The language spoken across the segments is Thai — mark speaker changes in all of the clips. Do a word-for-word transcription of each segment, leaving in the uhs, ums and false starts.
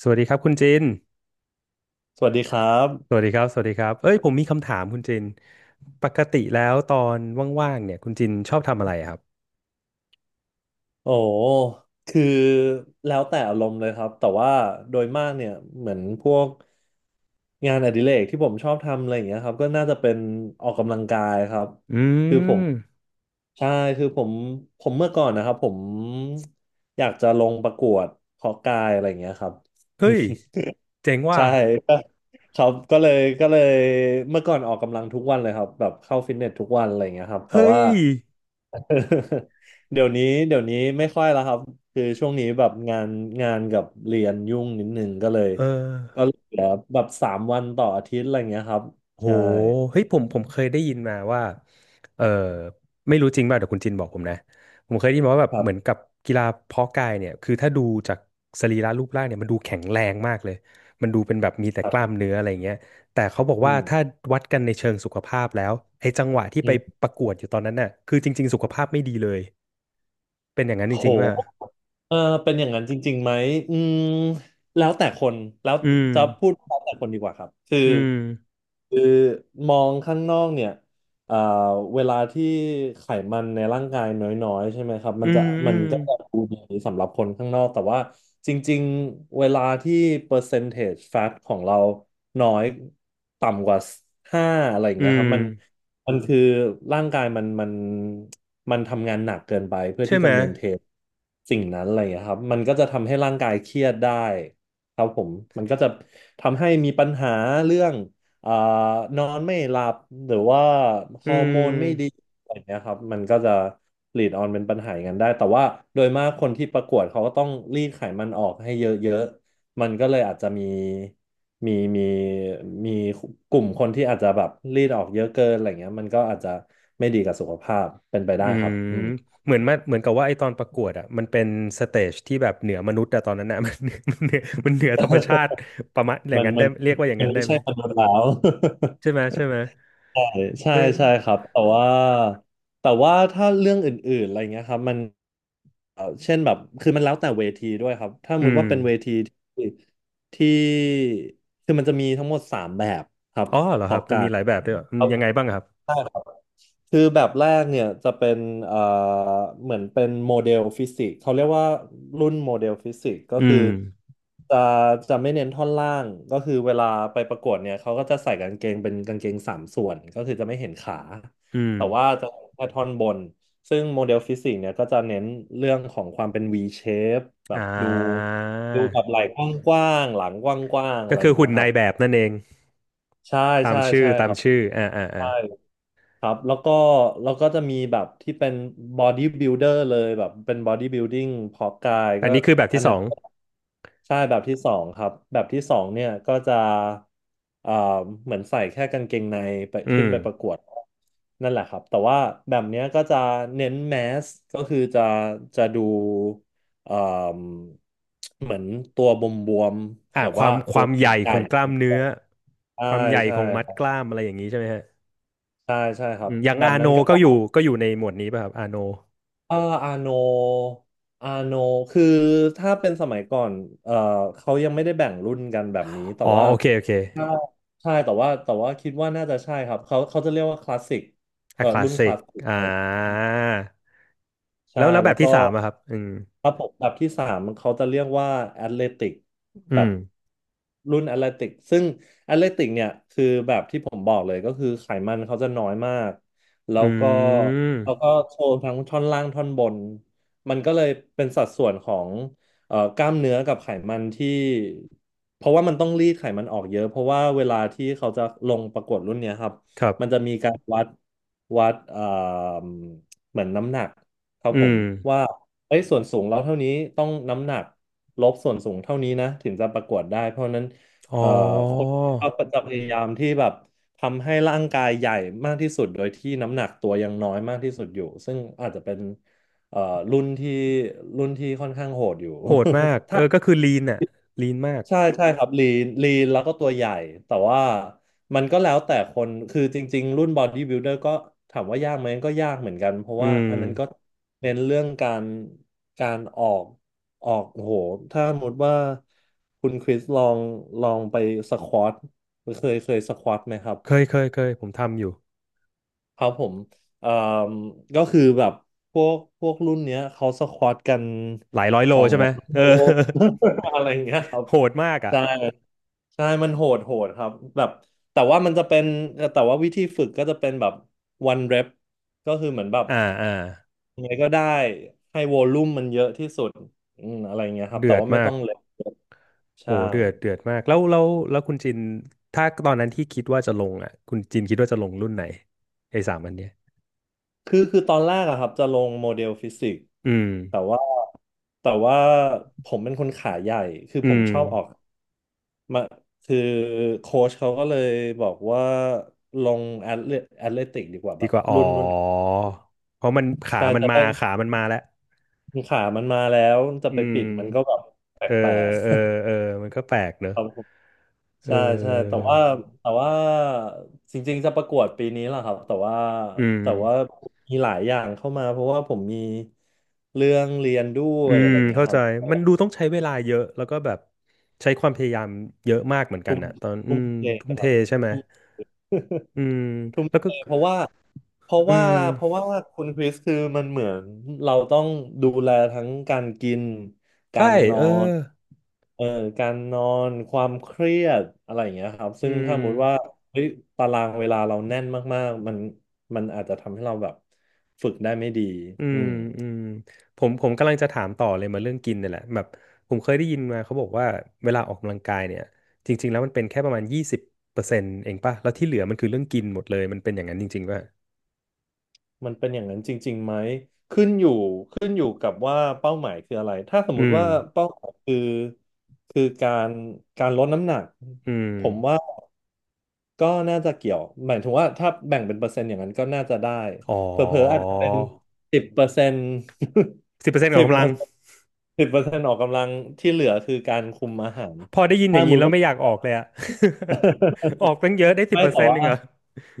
Speaker 1: สวัสดีครับคุณจิน
Speaker 2: สวัสดีครั
Speaker 1: สวั
Speaker 2: บ
Speaker 1: สดีครับ สวัสดีครับ เอ้ยผมมีคำถามคุณจินปกติแล้วตอนว่างๆ เนี่ยคุณจินชอบทำอะไรครับ
Speaker 2: โอ้คือแล้วแต่อารมณ์เลยครับ แต่ว่าโดยมากเนี่ยเหมือนพวกงานอดิเรกที่ผมชอบทำอะไรอย่างเงี้ยครับก็น่าจะเป็นออกกำลังกายครับ
Speaker 1: อื
Speaker 2: คือผม
Speaker 1: ม
Speaker 2: ใช่คือผมผมเมื่อก่อนนะครับผมอยากจะลงประกวดเพาะกายอะไรอย่างเงี้ยครับ
Speaker 1: เฮ้ยเจ๋งว่ะ
Speaker 2: ใช่ ก็ครับก็เลยก็เลยเมื่อก่อนออกกำลังทุกวันเลยครับแบบเข้าฟิตเนสทุกวันอะไรอย่างเงี้ยครับแต่
Speaker 1: เฮ้
Speaker 2: ว่า
Speaker 1: ย
Speaker 2: เดี๋ยวนี้เดี๋ยวนี้ไม่ค่อยแล้วครับคือช่วงนี้แบบงานงานกับเรียนยุ่งนิดนึงก็เลย
Speaker 1: เอ
Speaker 2: ก็
Speaker 1: อ
Speaker 2: เหลือแบบสามวันต่ออาทิตย์อะไรอย่างเงี้ยครับ
Speaker 1: โห
Speaker 2: ใช่
Speaker 1: เฮ้ยผมผมเคยได้ยินมาว่าเออไม่รู้จริงป่ะเดี๋ยวคุณจินบอกผมนะผมเคยได้ยินมาว่าแบบ
Speaker 2: ครั
Speaker 1: เหมือน
Speaker 2: บ
Speaker 1: กับกีฬาเพาะกายเนี่ยคือถ้าดูจากสรีระรูปร่างเนี่ยมันดูแข็งแรงมากเลยมันดูเป็นแบบมีแต่
Speaker 2: ครั
Speaker 1: กล้าม
Speaker 2: บ
Speaker 1: เนื้ออะไรเงี้ยแต่เขาบอก
Speaker 2: อื
Speaker 1: ว่า
Speaker 2: ม
Speaker 1: ถ้าวัดกันในเชิงสุขภาพแล้วไอ้จังหวะที่
Speaker 2: อื
Speaker 1: ไป
Speaker 2: ม
Speaker 1: ประกวดอยู่ตอนนั้นน่ะคือจริงๆสุขภาพไม่ดีเลยเป็นอย่างนั้นจ
Speaker 2: โ
Speaker 1: ริงๆป่ะ
Speaker 2: ห เออเป็นอย่างนั้นจริงๆไหมอืมแล้วแต่คนแล้ว
Speaker 1: อืม
Speaker 2: จะพูดแล้วแต่คนดีกว่าครับคือ
Speaker 1: อืม
Speaker 2: คือมองข้างนอกเนี่ยเอ่อเวลาที่ไขมันในร่างกายน้อยๆใช่ไหมครับมั
Speaker 1: อื
Speaker 2: นจะ
Speaker 1: มอื
Speaker 2: มัน
Speaker 1: ม
Speaker 2: ก็จะดูดีสำหรับคนข้างนอกแต่ว่าจริงๆเวลาที่เปอร์เซน g e fat ของเราน้อยต่ำกว่าห้าอะไรอย่าง
Speaker 1: อื
Speaker 2: เงี้ยครับ
Speaker 1: ม
Speaker 2: มัน มันคือร่างกายมันมันมันทำงานหนักเกินไปเพื่อ
Speaker 1: ใช่
Speaker 2: ที่
Speaker 1: ไหม
Speaker 2: จะเมนเทนสิ่งนั้นอะไรอย่างเงี้ยครับมันก็จะทำให้ร่างกายเครียดได้ครับผมมันก็จะทำให้มีปัญหาเรื่องเอ่อนอนไม่หลับหรือว่าฮ
Speaker 1: อื
Speaker 2: อร์โมนไม่ดี
Speaker 1: ม
Speaker 2: อะไรอย่างเงี้ยครับมันก็จะลีดออนเป็นปัญหาอย่างนั้นได้แต่ว่าโดยมากคนที่ประกวดเขาก็ต้องรีดไขมันออกให้เยอะๆมันก็เลยอาจจะมี มีมีมีกลุ่มคนที่อาจจะแบบรีดออกเยอะเกินอะไรเงี้ยมันก็อาจจะไม่ดีกับสุขภาพเป็นไป
Speaker 1: อื
Speaker 2: ได้ครั
Speaker 1: ม
Speaker 2: บอืม
Speaker 1: เหมือนมาเหมือนกับว่าไอตอนประกวดอ่ะมันเป็นสเตจที่แบบเหนือมนุษย์อะตอนนั้นอะ มันมันเหนือมันเหนือธรรมชาติประมาณอย่า
Speaker 2: มั
Speaker 1: ง
Speaker 2: น
Speaker 1: นั้น
Speaker 2: มั
Speaker 1: ได้
Speaker 2: น
Speaker 1: เรียกว่าอย่าง
Speaker 2: มัน
Speaker 1: นั้นได้
Speaker 2: ไม่
Speaker 1: ไหม
Speaker 2: ใช่มนุษย์แล้ว
Speaker 1: ใช่ไหมใช่ไหม
Speaker 2: ใช่ใช่
Speaker 1: เฮ้ย
Speaker 2: ใช่ครับแต่ว่าแต่ว่าถ้าเรื่องอื่นๆอะไรเงี้ยครับมันเอ่อเช่นแบบคือมันแล้วแต่เวทีด้วยครับถ้าส
Speaker 1: อื
Speaker 2: มมติ
Speaker 1: ม
Speaker 2: ว่าเป็นเวทีที่ที่คือมันจะมีทั้งหมดสามแบบครับ
Speaker 1: อ๋อเหรอครั
Speaker 2: เพาะ
Speaker 1: บมัน
Speaker 2: กา
Speaker 1: มี
Speaker 2: ย
Speaker 1: หลายแบบด้วยเหรออื
Speaker 2: ค
Speaker 1: ม
Speaker 2: รับ
Speaker 1: ยังไงบ้างครับ
Speaker 2: คือแบบแรกเนี่ยจะเป็นเอ่อเหมือนเป็นโมเดลฟิสิกส์เขาเรียกว่ารุ่นโมเดลฟิสิกส์ก็
Speaker 1: อื
Speaker 2: คือ
Speaker 1: ม
Speaker 2: จะจะไม่เน้นท่อนล่างก็คือเวลาไปประกวดเนี่ยเขาก็จะใส่กางเกงเป็นกางเกงสามส่วนก็คือจะไม่เห็นขา
Speaker 1: อืม
Speaker 2: แต่ว่าจะเห็นแค่ท่อนบนซึ่งโมเดลฟิสิกส์เนี่ยก็จะเน้นเรื่องของความเป็น V shape แบ
Speaker 1: อ่
Speaker 2: บดู
Speaker 1: า
Speaker 2: ดูแบบไหล่กว้างๆหลังกว้างๆอะ
Speaker 1: ก็
Speaker 2: ไรอ
Speaker 1: คือ
Speaker 2: ย่างเงี้
Speaker 1: หุ่น
Speaker 2: ยค
Speaker 1: นา
Speaker 2: รับ
Speaker 1: ยแบบนั่นเอง
Speaker 2: ใช่
Speaker 1: ตาม
Speaker 2: ใช่
Speaker 1: ชื่อ
Speaker 2: ใช่
Speaker 1: ตา
Speaker 2: ค
Speaker 1: ม
Speaker 2: รับ
Speaker 1: ชื่ออ่าอ่าอ่า
Speaker 2: ใช่ ครับแล้วก็แล้วก็จะมีแบบที่เป็น body builder เลยแบบเป็น body building เพาะกาย
Speaker 1: อั
Speaker 2: ก็
Speaker 1: นนี้คือแบบ
Speaker 2: อั
Speaker 1: ที่
Speaker 2: น
Speaker 1: ส
Speaker 2: นั้
Speaker 1: อ
Speaker 2: น
Speaker 1: ง
Speaker 2: ใช่แบบที่สองครับแบบที่สองเนี่ยก็จะเอ่อเหมือนใส่แค่กางเกงในไป
Speaker 1: อื
Speaker 2: ขึ้
Speaker 1: ม
Speaker 2: นไปประกวดนั่นแหละครับแต่ว่าแบบเนี้ยก็จะเน้นแมสก็คือจะจะดูเอ่มเหมือนตัวบวม
Speaker 1: อ่า
Speaker 2: ๆแบบ
Speaker 1: ควา
Speaker 2: ว่า
Speaker 1: มค
Speaker 2: ตัว
Speaker 1: วาม
Speaker 2: ให
Speaker 1: ใหญ่ข
Speaker 2: ญ่
Speaker 1: องกล้ามเนื้อ
Speaker 2: ๆใช่
Speaker 1: ความใหญ่
Speaker 2: ใช่
Speaker 1: ของมัด
Speaker 2: ครั
Speaker 1: ก
Speaker 2: บ
Speaker 1: ล้ามอะไรอย่างนี้ใช่ไหมฮะ
Speaker 2: ใช่ใช่ครั
Speaker 1: อื
Speaker 2: บ
Speaker 1: มอย่าง
Speaker 2: แบ
Speaker 1: อา
Speaker 2: บ
Speaker 1: โน
Speaker 2: นั้นก็
Speaker 1: ก็
Speaker 2: จะ
Speaker 1: อยู่ก็อยู่ในหมวดนี้ป่ะครับอาโน
Speaker 2: เอออาโนอาโนคือถ้าเป็นสมัยก่อนเออเขายังไม่ได้แบ่งรุ่นกันแบบนี้แต่
Speaker 1: อ๋อ
Speaker 2: ว่า
Speaker 1: โอเคโอเค
Speaker 2: ถ้าใช่แต่ว่าแต่ว่าคิดว่าน่าจะใช่ครับเขาเขาจะเรียกว่าคลาสสิกเอ
Speaker 1: อะ
Speaker 2: อ
Speaker 1: คลาส
Speaker 2: รุ่นค
Speaker 1: สิก
Speaker 2: ลาสสิก
Speaker 1: อ่
Speaker 2: ไป
Speaker 1: าแล้
Speaker 2: ใช่
Speaker 1: วแล้วแบ
Speaker 2: แล้ว
Speaker 1: บ
Speaker 2: ก็
Speaker 1: ที่สามอะครับอืม
Speaker 2: ระบบแบบที่สามมันเขาจะเรียกว่าแอตเลติก
Speaker 1: อื
Speaker 2: แบ
Speaker 1: ม
Speaker 2: บรุ่นแอตเลติกซึ่งแอตเลติกเนี่ยคือแบบที่ผมบอกเลยก็คือไขมันเขาจะน้อยมากแล้
Speaker 1: อื
Speaker 2: วก็แล้วก็
Speaker 1: ม
Speaker 2: โชว์ทั้งท่อนล่างท่อนบนมันก็เลยเป็นสัดส่วนของเอ่อกล้ามเนื้อกับไขมันที่เพราะว่ามันต้องรีดไขมันออกเยอะเพราะว่าเวลาที่เขาจะลงประกวดรุ่นเนี้ยครับ
Speaker 1: ครั
Speaker 2: มันจะ
Speaker 1: บ
Speaker 2: มีการวัดวัดเอ่อเหมือนน้ำหนัก ครับ
Speaker 1: อื
Speaker 2: ผม
Speaker 1: ม
Speaker 2: ว่าเอ้ยส่วนสูงเราเท่านี้ต้องน้ำหนักลบส่วนสูงเท่านี้นะถึงจะประกวดได้ เพราะฉะนั้น
Speaker 1: อ๋อ
Speaker 2: เอ่อคนเขาก็จะพยายามที่แบบทำให้ร่างกายใหญ่มากที่สุดโดยที่น้ำหนักตัวยังน้อยมากที่สุดอยู่ซึ่งอาจจะเป็นเอ่อรุ่นที่รุ่นที่ค่อนข้างโหดอยู่
Speaker 1: โหดมากเออก็คือลีนอะลีนมาก
Speaker 2: ใช่ใช่ครับลีนลีนแล้วก็ตัวใหญ่แต่ว่ามันก็แล้วแต่คนคือจริงๆรุ่นบอดี้บิ l เดอร์ก็ถามว่ายากไหมก็ยากเหมือนกันเพราะ
Speaker 1: อื
Speaker 2: ว่า
Speaker 1: ม
Speaker 2: อันนั้นก็เน้นเรื่องการการออกออกโอ้โหถ้าสมมติว่าคุณคริสลองลองไปสควอตเคยเคยสควอตไหมครับ
Speaker 1: เคยเคยเคยผมทำอยู่
Speaker 2: ครับผมเอ่อก็คือแบบพวกพวกรุ่นเนี้ยเขาสควอตกัน
Speaker 1: หลายร้อยโล
Speaker 2: สอง
Speaker 1: ใช่ไหม
Speaker 2: ร้อย
Speaker 1: เออ
Speaker 2: โล อะไรอย่างเงี้ยครั บ
Speaker 1: โหดมากอะ
Speaker 2: ใช่ใช่มันโหดโหดครับแบบแต่ว่ามันจะเป็นแต่ว่าวิธีฝึกก็จะเป็นแบบ one rep ก็คือเหมือนแบบ
Speaker 1: อ่าอ่า
Speaker 2: ยังไงก็ได้ให้วอลลุ่มมันเยอะที่สุดอืมอะไรอย่างเงี้ยครับ
Speaker 1: เดื
Speaker 2: แต่
Speaker 1: อด
Speaker 2: ว่าไม่
Speaker 1: มา
Speaker 2: ต้
Speaker 1: ก
Speaker 2: องเล็ก
Speaker 1: โห
Speaker 2: ใช่
Speaker 1: เดือดเดือดมากแล้วแล้วแล้วคุณจินถ้าตอนนั้นที่คิดว่าจะลงอ่ะคุณจินคิดว่าจะลงรุ่นไหนไอ้สามอันเนี้ย
Speaker 2: คือคือตอนแรกอะครับจะลงโมเดลฟิสิกส์
Speaker 1: อืม
Speaker 2: แต่ว่าแต่ว่าผมเป็นคนขาใหญ่คือ
Speaker 1: อื
Speaker 2: ผม
Speaker 1: ม
Speaker 2: ชอบออกมาคือโค้ชเขาก็เลยบอกว่าลงแอตเลแอตเลติกดีกว่าแบ
Speaker 1: ดี
Speaker 2: บ
Speaker 1: กว่าอ๋
Speaker 2: รุ่
Speaker 1: อ
Speaker 2: นรุ่น
Speaker 1: เพราะมันขา
Speaker 2: ใช่
Speaker 1: มัน
Speaker 2: จะ
Speaker 1: มา
Speaker 2: ได้
Speaker 1: ขามันมาแล้ว
Speaker 2: ขามันมาแล้วจะ
Speaker 1: อื
Speaker 2: ไปปิดมันก็
Speaker 1: ม
Speaker 2: แบบแ
Speaker 1: เออ
Speaker 2: ปลก
Speaker 1: เออเออมันก็แปลกเน
Speaker 2: ๆ
Speaker 1: อะ
Speaker 2: ครับผม
Speaker 1: เอ
Speaker 2: ใช่ใช่แต่
Speaker 1: อ
Speaker 2: ว่าแต่ว่าจริงๆจะประกวดปีนี้แหละครับแต่ว่า
Speaker 1: อืม
Speaker 2: แต่ว่ามีหลายอย่างเข้ามาเพราะว่าผมมีเรื่องเรียนด้ว
Speaker 1: อื
Speaker 2: ยอะ
Speaker 1: ม
Speaker 2: ไรอย่างเงี้ย
Speaker 1: เข้า
Speaker 2: ค
Speaker 1: ใจ
Speaker 2: รับ
Speaker 1: มันดูต้องใช้เวลาเยอะแล้วก็แบบใช้ความพยายามเยอะมากเหมือนกัน
Speaker 2: ทุ่ม
Speaker 1: อ่ะตอนอื
Speaker 2: ทุ่ม
Speaker 1: ม
Speaker 2: เท
Speaker 1: ทุ่
Speaker 2: ค
Speaker 1: มเท
Speaker 2: รับ
Speaker 1: ใช่ไหม อืม
Speaker 2: ทุ่ม
Speaker 1: แล้ว
Speaker 2: เท
Speaker 1: ก็
Speaker 2: เพราะว่าเพราะ
Speaker 1: อื
Speaker 2: ว่า
Speaker 1: ม
Speaker 2: เพราะว่าคุณคริสคือมันเหมือนเราต้องดูแลทั้งการกินกา
Speaker 1: ใช่
Speaker 2: รนอ
Speaker 1: เออ
Speaker 2: นเอ่อการนอนความเครียดอะไรอย่างเงี้ยครับ
Speaker 1: อื
Speaker 2: ซึ่งถ้าสมมติว่า
Speaker 1: ม
Speaker 2: เฮ้ยตารางเวลาเราแน่นมากๆมันมันอาจจะทำให้เราแบบฝึกได้ไม่ดี
Speaker 1: อื
Speaker 2: อื
Speaker 1: ม
Speaker 2: ม
Speaker 1: อืมผมผมกำลังจะถามต่อเลยมาเรื่องกินเนี่ยแหละแบบผมเคยได้ยินมาเขาบอกว่าเวลาออกกำลังกายเนี่ยจริงๆแล้วมันเป็นแค่ประมาณยี่สิบเปอร์เซ็นต์เองป่ะแล้วที่เหลือมันคือเรื่องกินหมดเลยมันเป็นอย่างนั้นจริงๆป่ะ
Speaker 2: มันเป็นอย่างนั้นจริงๆไหมขึ้นอยู่ขึ้นอยู่กับว่าเป้าหมายคืออะไรถ้าสม
Speaker 1: อื
Speaker 2: มุติ
Speaker 1: ม
Speaker 2: ว่าเป้าหมายคือคือการการลดน้ำหนัก
Speaker 1: อืม
Speaker 2: ผมว่า ก็น่าจะเกี่ยวหมายถึงว่าถ้าแบ่งเป็นเปอร์เซ็นต์อย่างนั้นก็น่าจะได้
Speaker 1: อ๋อ
Speaker 2: เป็นสิบเปอร์เซ็นต์
Speaker 1: สิบเปอร์เซ็นต์ข อ
Speaker 2: สิ
Speaker 1: ง
Speaker 2: บ
Speaker 1: กำ
Speaker 2: เป
Speaker 1: ลั
Speaker 2: อ
Speaker 1: ง
Speaker 2: ร์เซ็นต์สิบเปอร์เซ็นต์ออกกำลังที่เหลือคือการคุมอาหาร
Speaker 1: พอได้ยินอ
Speaker 2: ถ้า
Speaker 1: ย่า
Speaker 2: ส
Speaker 1: ง
Speaker 2: มม
Speaker 1: นี้
Speaker 2: ติ
Speaker 1: แล้ว
Speaker 2: ว่า
Speaker 1: ไม่อยากออกเลยอะ ออก ตั้งเยอะได้สิบ
Speaker 2: ไม่
Speaker 1: เปอร์
Speaker 2: แต่
Speaker 1: เซ็นต์
Speaker 2: ว่า
Speaker 1: นึงเหรอ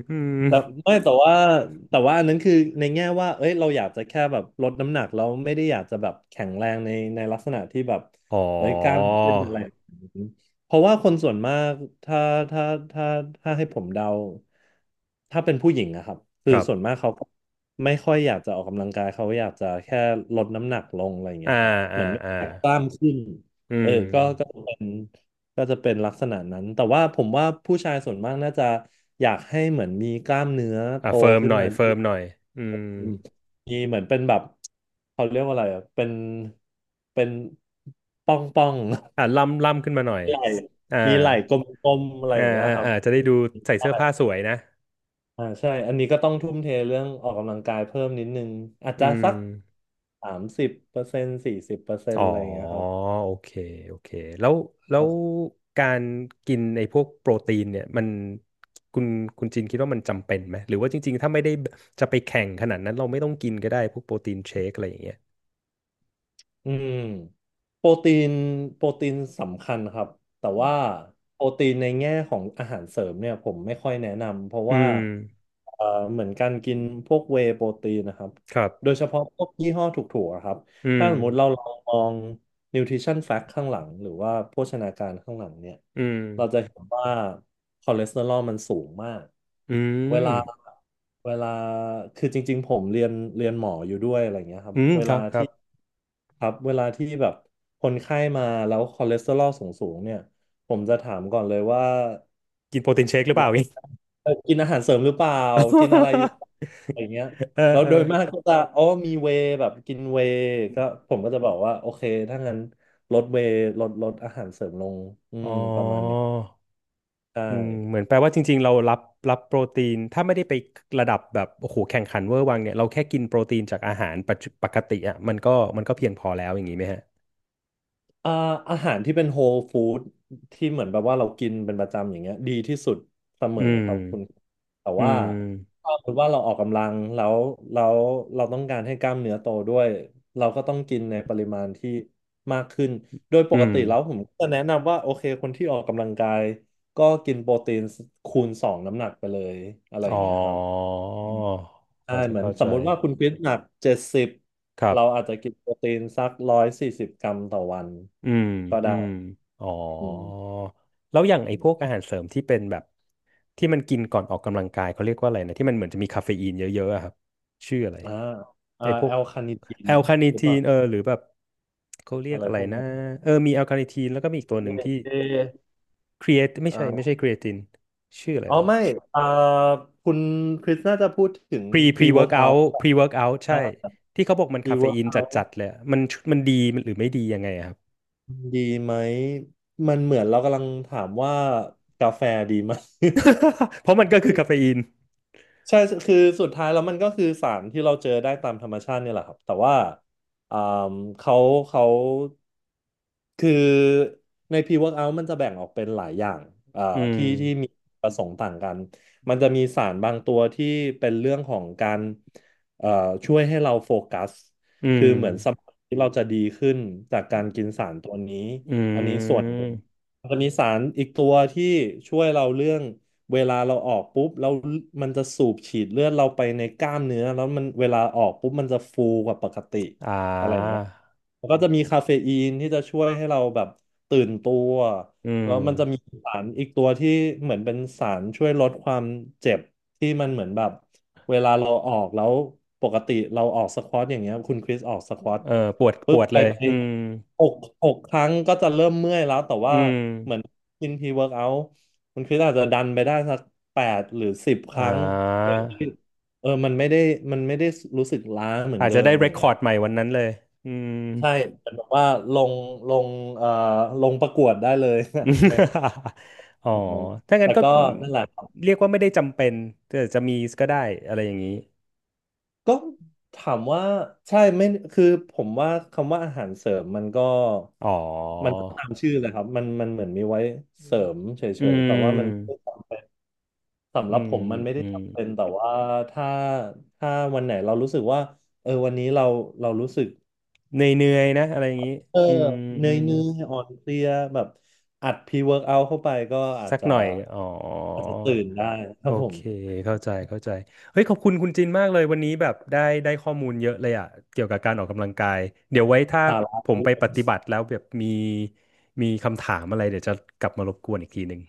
Speaker 1: อืม
Speaker 2: แต่ไม่แต่ว่าแต่ว่าอันนั้นคือในแง่ว่าเอ้ยเราอยากจะแค่แบบลดน้ำหนักเราไม่ได้อยากจะแบบแข็งแรงในในลักษณะที่แบบ
Speaker 1: อ๋อ
Speaker 2: เอ้ยกล้ามขึ้นอะไรอย่างนี้เพราะว่าคนส่วนมากถ้าถ้าถ้าถ้าให้ผมเดาถ้าเป็นผู้หญิงนะครับคื
Speaker 1: ค
Speaker 2: อ
Speaker 1: รับ
Speaker 2: ส่วนมากเขาก็ไม่ค่อยอยากจะออกกำลังกายเขาอยากจะแค่ลดน้ำหนักลงอะไรอย่างเงี้
Speaker 1: อ่า
Speaker 2: ยครับเห
Speaker 1: อ่า
Speaker 2: มือนไม่
Speaker 1: อ่า
Speaker 2: อยากกล้ามขึ้น
Speaker 1: อื
Speaker 2: เอ
Speaker 1: ม
Speaker 2: อก็ก็เป็น ก็จะเป็นลักษณะนั้น แต่ว่าผมว่าผู้ชายส่วนมากน่าจะอยากให้เหมือนมีกล้ามเนื้อ
Speaker 1: อ่ะ
Speaker 2: โต
Speaker 1: เฟิร์ม
Speaker 2: ขึ้
Speaker 1: ห
Speaker 2: น
Speaker 1: น่อย
Speaker 2: มาด้
Speaker 1: เฟิ
Speaker 2: ว
Speaker 1: ร์
Speaker 2: ย
Speaker 1: มหน่อยอืม
Speaker 2: อืมมีเหมือนเป็นแบบเขาเรียกว่าอะไรอ่ะเป็นเป็นป้องป้อง
Speaker 1: อ่ะล่ำล่ำขึ้นมาหน่อย
Speaker 2: ไหล่
Speaker 1: อ่า
Speaker 2: มีไหล่กลมๆอะไร
Speaker 1: อ่า
Speaker 2: อย่างเงี้ย
Speaker 1: อ่า
Speaker 2: ครับ
Speaker 1: อ่าจะได้ดูใส่
Speaker 2: ใช่
Speaker 1: เสื้อผ้าสวยนะ
Speaker 2: อ่าใช่อันนี้ก็ต้องทุ่มเทเรื่องออกกำลังกายเพิ่มนิดนึงอาจ
Speaker 1: อื
Speaker 2: จะสั
Speaker 1: ม
Speaker 2: กสามสิบเปอร์เซ็นต์สี่สิบเปอร์เซ็น
Speaker 1: อ๋
Speaker 2: ต์
Speaker 1: อ
Speaker 2: อะไรอย่างเงี้ย
Speaker 1: โอ
Speaker 2: ครับ
Speaker 1: เคโอเคแล้วแล้วการกินไอ้พวกโปรตีนเนี่ยมันคุณคุณจินคิดว่ามันจำเป็นไหมหรือว่าจริงๆถ้าไม่ได้จะไปแข่งขนาดนั้นเราไม่ต้องกินก็ได้พวกโปรตีนเชคอะไรอย่างเงี้ย
Speaker 2: อืมโปรตีนโปรตีนสำคัญครับแต่ว่าโปรตีนในแง่ของอาหารเสริมเนี่ยผมไม่ค่อยแนะนำเพราะ
Speaker 1: อื
Speaker 2: ว่า
Speaker 1: ม
Speaker 2: เอ่อเหมือนการกินพวกเวย์โปรตีนนะครับ
Speaker 1: ครับ
Speaker 2: โดยเฉพาะพวกยี่ห้อถูกๆอะครับ
Speaker 1: อื
Speaker 2: ถ้า
Speaker 1: ม
Speaker 2: สมมติเราลองมอง nutrition fact ข้างหลังหรือว่าโภชนาการข้างหลังเนี่ย
Speaker 1: อืม
Speaker 2: เราจะเห็นว่าคอเลสเตอรอลมันสูงมาก
Speaker 1: อื
Speaker 2: เวลา
Speaker 1: ม
Speaker 2: เวลาคือจริงๆผมเรียนเรียนหมออยู่ด้วยอะไรเงี้ยครั
Speaker 1: อื
Speaker 2: บ
Speaker 1: มครับครับ
Speaker 2: ครับเวลาที่แบบคนไข้มาแล้วคอเลสเตอรอลสูงๆเนี่ยผมจะถามก่อนเลยว่า
Speaker 1: กินโปรตีนเชคหรือเป
Speaker 2: เรา
Speaker 1: ล่าอีก
Speaker 2: เออกินอาหารเสริมหรือเปล่ากินอะไรอยู่ อะไรเงี้ย
Speaker 1: เออ
Speaker 2: แล้ว
Speaker 1: เออ
Speaker 2: โดยมากก็จะอ๋อมีเวย์แบบกินเวย์ก็ผมก็จะบอกว่าโอเคถ้างั้นลดเวย์ลดลดอาหารเสริมลงอื
Speaker 1: อ๋อ
Speaker 2: มประมาณเนี้ยใช่
Speaker 1: อืมเหมือนแปลว่าจริงๆ เรารับรับโปรตีนถ้าไม่ได้ไประดับแบบโอ้โหแข่งขันเวอร์วังเนี่ยเราแค่กินโปรตีนจากอาหารปัจจุปกติอ่ะมันก็มันก็เพียงพอแล้วอย่างนี้ไหมฮะ
Speaker 2: อ่าอาหารที่เป็นโฮลฟู้ดที่เหมือนแบบว่าเรากินเป็นประจำอย่างเงี้ยดีที่สุดเสมอ
Speaker 1: อื
Speaker 2: ครับคุณ
Speaker 1: ม
Speaker 2: แต่
Speaker 1: อื
Speaker 2: ว่า
Speaker 1: ม
Speaker 2: ถ้าสมมติว่าเราออกกำลังแล้วแล้วเราต้องการให้กล้ามเนื้อโตด้วยเราก็ต้องกินในปริมาณที่มากขึ้นโดยป
Speaker 1: อื
Speaker 2: ก
Speaker 1: ม
Speaker 2: ติแล้วผมก็จะแนะนำว่าโอเคคนที่ออกกำลังกายก็กินโปรตีนคูณสองน้ำหนักไปเลยอะไรอ
Speaker 1: อ๋
Speaker 2: ย่า
Speaker 1: อ
Speaker 2: งเงี้ยครับ
Speaker 1: พ
Speaker 2: ใช่
Speaker 1: อจะ
Speaker 2: เหมือน
Speaker 1: เข้า
Speaker 2: ส
Speaker 1: ใจ
Speaker 2: มมุติว่าคุณคริสหนักเจ็ดสิบ
Speaker 1: ครับ
Speaker 2: เราอาจจะกินโปรตีนสักร้อยสี่สิบกรัมต่อวัน
Speaker 1: อืม
Speaker 2: ก็
Speaker 1: อื
Speaker 2: ได้
Speaker 1: มอ๋อ
Speaker 2: อืม
Speaker 1: แล้วอย่าง
Speaker 2: อ
Speaker 1: ไอ้พว
Speaker 2: ม
Speaker 1: กอาหารเสริมที่เป็นแบบที่มันกินก่อนออกกำลังกายเขาเรียกว่าอะไรนะที่มันเหมือนจะมีคาเฟอีนเยอะๆอะครับชื่ออะไร
Speaker 2: อ่าอ่า
Speaker 1: ไอ้พว
Speaker 2: แอ
Speaker 1: ก
Speaker 2: ลคานิทีน
Speaker 1: แอลคาเน t
Speaker 2: หรือ
Speaker 1: ที
Speaker 2: เปล่า
Speaker 1: นเออหรือแบบเขาเรีย
Speaker 2: อะ
Speaker 1: ก
Speaker 2: ไร
Speaker 1: อะไร
Speaker 2: พวกนั้
Speaker 1: นะ
Speaker 2: น
Speaker 1: เออมีแอลคาเน t ทีนแล้วก็มีอีกตัวห
Speaker 2: ยู
Speaker 1: นึ่ง
Speaker 2: เอช
Speaker 1: ที่
Speaker 2: เอ
Speaker 1: ครีเอทไม่ใช่ไม่
Speaker 2: อ่า
Speaker 1: ใช่ครีเอตินชื่ออะไร
Speaker 2: อ๋อ
Speaker 1: วะ
Speaker 2: ไม่อ่าคุณคริสน่าจะพูดถึง
Speaker 1: พรีพรีเวิร์กเอา
Speaker 2: pre-workout
Speaker 1: ท์พรีเวิร์กเอาท์
Speaker 2: อ่า
Speaker 1: ใช่ที่เขาบอกมันคาเฟอีนจั
Speaker 2: pre-workout
Speaker 1: ดๆเลยอะมันมันดีมันหรือไม่ดียังไงอะครับ
Speaker 2: ดีไหมมันเหมือนเรากำลังถามว่ากาแฟดีไหม
Speaker 1: เพราะมันก็คือคาเฟอีน
Speaker 2: ใช่คือสุดท้ายแล้วมันก็คือสารที่เราเจอได้ตามธรรมชาติเนี่ยแหละครับแต่ว่าอ่าเขาเขาคือใน pre-workout มันจะแบ่งออกเป็นหลายอย่างอ่า
Speaker 1: อืม
Speaker 2: ที่ที่มีประสงค์ต่างกันมันจะมีสารบางตัวที่เป็นเรื่องของการเอ่อช่วยให้เราโฟกัส
Speaker 1: อื
Speaker 2: คือ
Speaker 1: ม
Speaker 2: เหมือนสมองที่เราจะดีขึ้นจากการกินสารตัวนี้
Speaker 1: อื
Speaker 2: อันนี้ส่วนหนึ่ง
Speaker 1: ม
Speaker 2: มันจะมีสารอีกตัวที่ช่วยเราเรื่อง เวลาเราออกปุ๊บแล้วมันจะสูบฉีดเลือดเราไปในกล้ามเนื้อแล้วมันเวลาออกปุ๊บมันจะฟูกว่าปกติ
Speaker 1: อ่
Speaker 2: อะไรอย่างเงี้
Speaker 1: า
Speaker 2: ยแล้วก็จะมีคาเฟอีนที่จะช่วยให้เราแบบตื่นตัว
Speaker 1: อืม
Speaker 2: แล้วมันจะมีสารอีกตัวที่เหมือนเป็นสารช่วยลดความเจ็บที่มันเหมือนแบบเวลาเราออกแล้วปกติเราออกสควอตอย่างเงี้ยคุณคริสออกสควอต
Speaker 1: เออปวดป
Speaker 2: ปุ๊บ
Speaker 1: วด
Speaker 2: ไป
Speaker 1: เลย
Speaker 2: ไป
Speaker 1: อืม
Speaker 2: หกหกครั้งก็จะเริ่มเมื่อยแล้วแต่
Speaker 1: อื
Speaker 2: ว่า
Speaker 1: ม
Speaker 2: กินพรีเวิร์กเอาท์คุณคริสอาจจะดันไปได้สักแปดหรือสิบค
Speaker 1: อ่
Speaker 2: รั้งโดย
Speaker 1: า
Speaker 2: ที่เออมันไม่ได้มันไม่ได้รู้สึกล้าเหมือน
Speaker 1: อาจ
Speaker 2: เดิ
Speaker 1: จะ
Speaker 2: ม
Speaker 1: ได้
Speaker 2: อะ
Speaker 1: เร
Speaker 2: ไรอ
Speaker 1: ค
Speaker 2: ย่าง
Speaker 1: ค
Speaker 2: เงี้
Speaker 1: อ
Speaker 2: ย
Speaker 1: ร์ดใหม่วันนั้นเลยอืม
Speaker 2: ใช่เป็นแบบว่าลงลงเอ่อลงประกวดได้เลย ไม่
Speaker 1: อ๋อ
Speaker 2: แบบนั้น
Speaker 1: ถ้างั้
Speaker 2: แต่
Speaker 1: นก็
Speaker 2: ก็นั่นแหละครับ
Speaker 1: เรียกว่าไม่ได้จำเป็นแต่จะมีก็ได้อะไรอย่างนี้
Speaker 2: ก็ถามว่าใช่ไม่คือผมว่าคำว่าอาหารเสริมมันก็
Speaker 1: อ๋อ
Speaker 2: มันก็ตามชื่อเลยครับมันมันเหมือนมีไว้เสริมเฉ
Speaker 1: อื
Speaker 2: ยๆแต่ว่ามัน
Speaker 1: ม
Speaker 2: สำห
Speaker 1: อื
Speaker 2: รับผ
Speaker 1: ม
Speaker 2: มมันไม่
Speaker 1: อื
Speaker 2: ได้
Speaker 1: ม
Speaker 2: จำเป็นแต่ว่าถ้าถ้าวันไหนเรารู้สึกว่าเออวันนี้เราเรารู้สึก
Speaker 1: เหนื่อยๆนะอะไรอย่างนี้
Speaker 2: เออ
Speaker 1: อืม
Speaker 2: เห
Speaker 1: อื
Speaker 2: นื่อย
Speaker 1: ม
Speaker 2: เนื่อยอ่อนเพลียแบบอัดพรีเวิร์กเอาเข้าไปก็อาจ
Speaker 1: สัก
Speaker 2: จะ
Speaker 1: หน่อยอ๋อ
Speaker 2: อาจจะตื่นได้ค
Speaker 1: โอ
Speaker 2: รับผม
Speaker 1: เคเข้าใจเข้าใจเฮ้ยขอบคุณคุณจินมากเลยวันนี้แบบได้ได้ข้อมูลเยอะเลยอะเกี่ยวกับการออกกำลังกายเดี๋ยวไว้ถ้า
Speaker 2: สา
Speaker 1: ผ
Speaker 2: ระ
Speaker 1: มไปปฏิบัติแล้วแบบมีมีคำถามอะไรเดี๋ยวจะกลับมารบกวนอีกทีหนึ่ง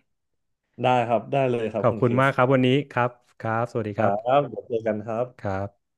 Speaker 2: ได้ครับได้เลยครั
Speaker 1: ข
Speaker 2: บ
Speaker 1: อบ
Speaker 2: คุณ
Speaker 1: คุ
Speaker 2: ค
Speaker 1: ณ
Speaker 2: ริ
Speaker 1: มา
Speaker 2: ส
Speaker 1: กครับวันนี้ครับครับสวัสดี
Speaker 2: ค
Speaker 1: ครั
Speaker 2: รับ
Speaker 1: บ
Speaker 2: เดี๋ยวเจอกันครับ
Speaker 1: ครับ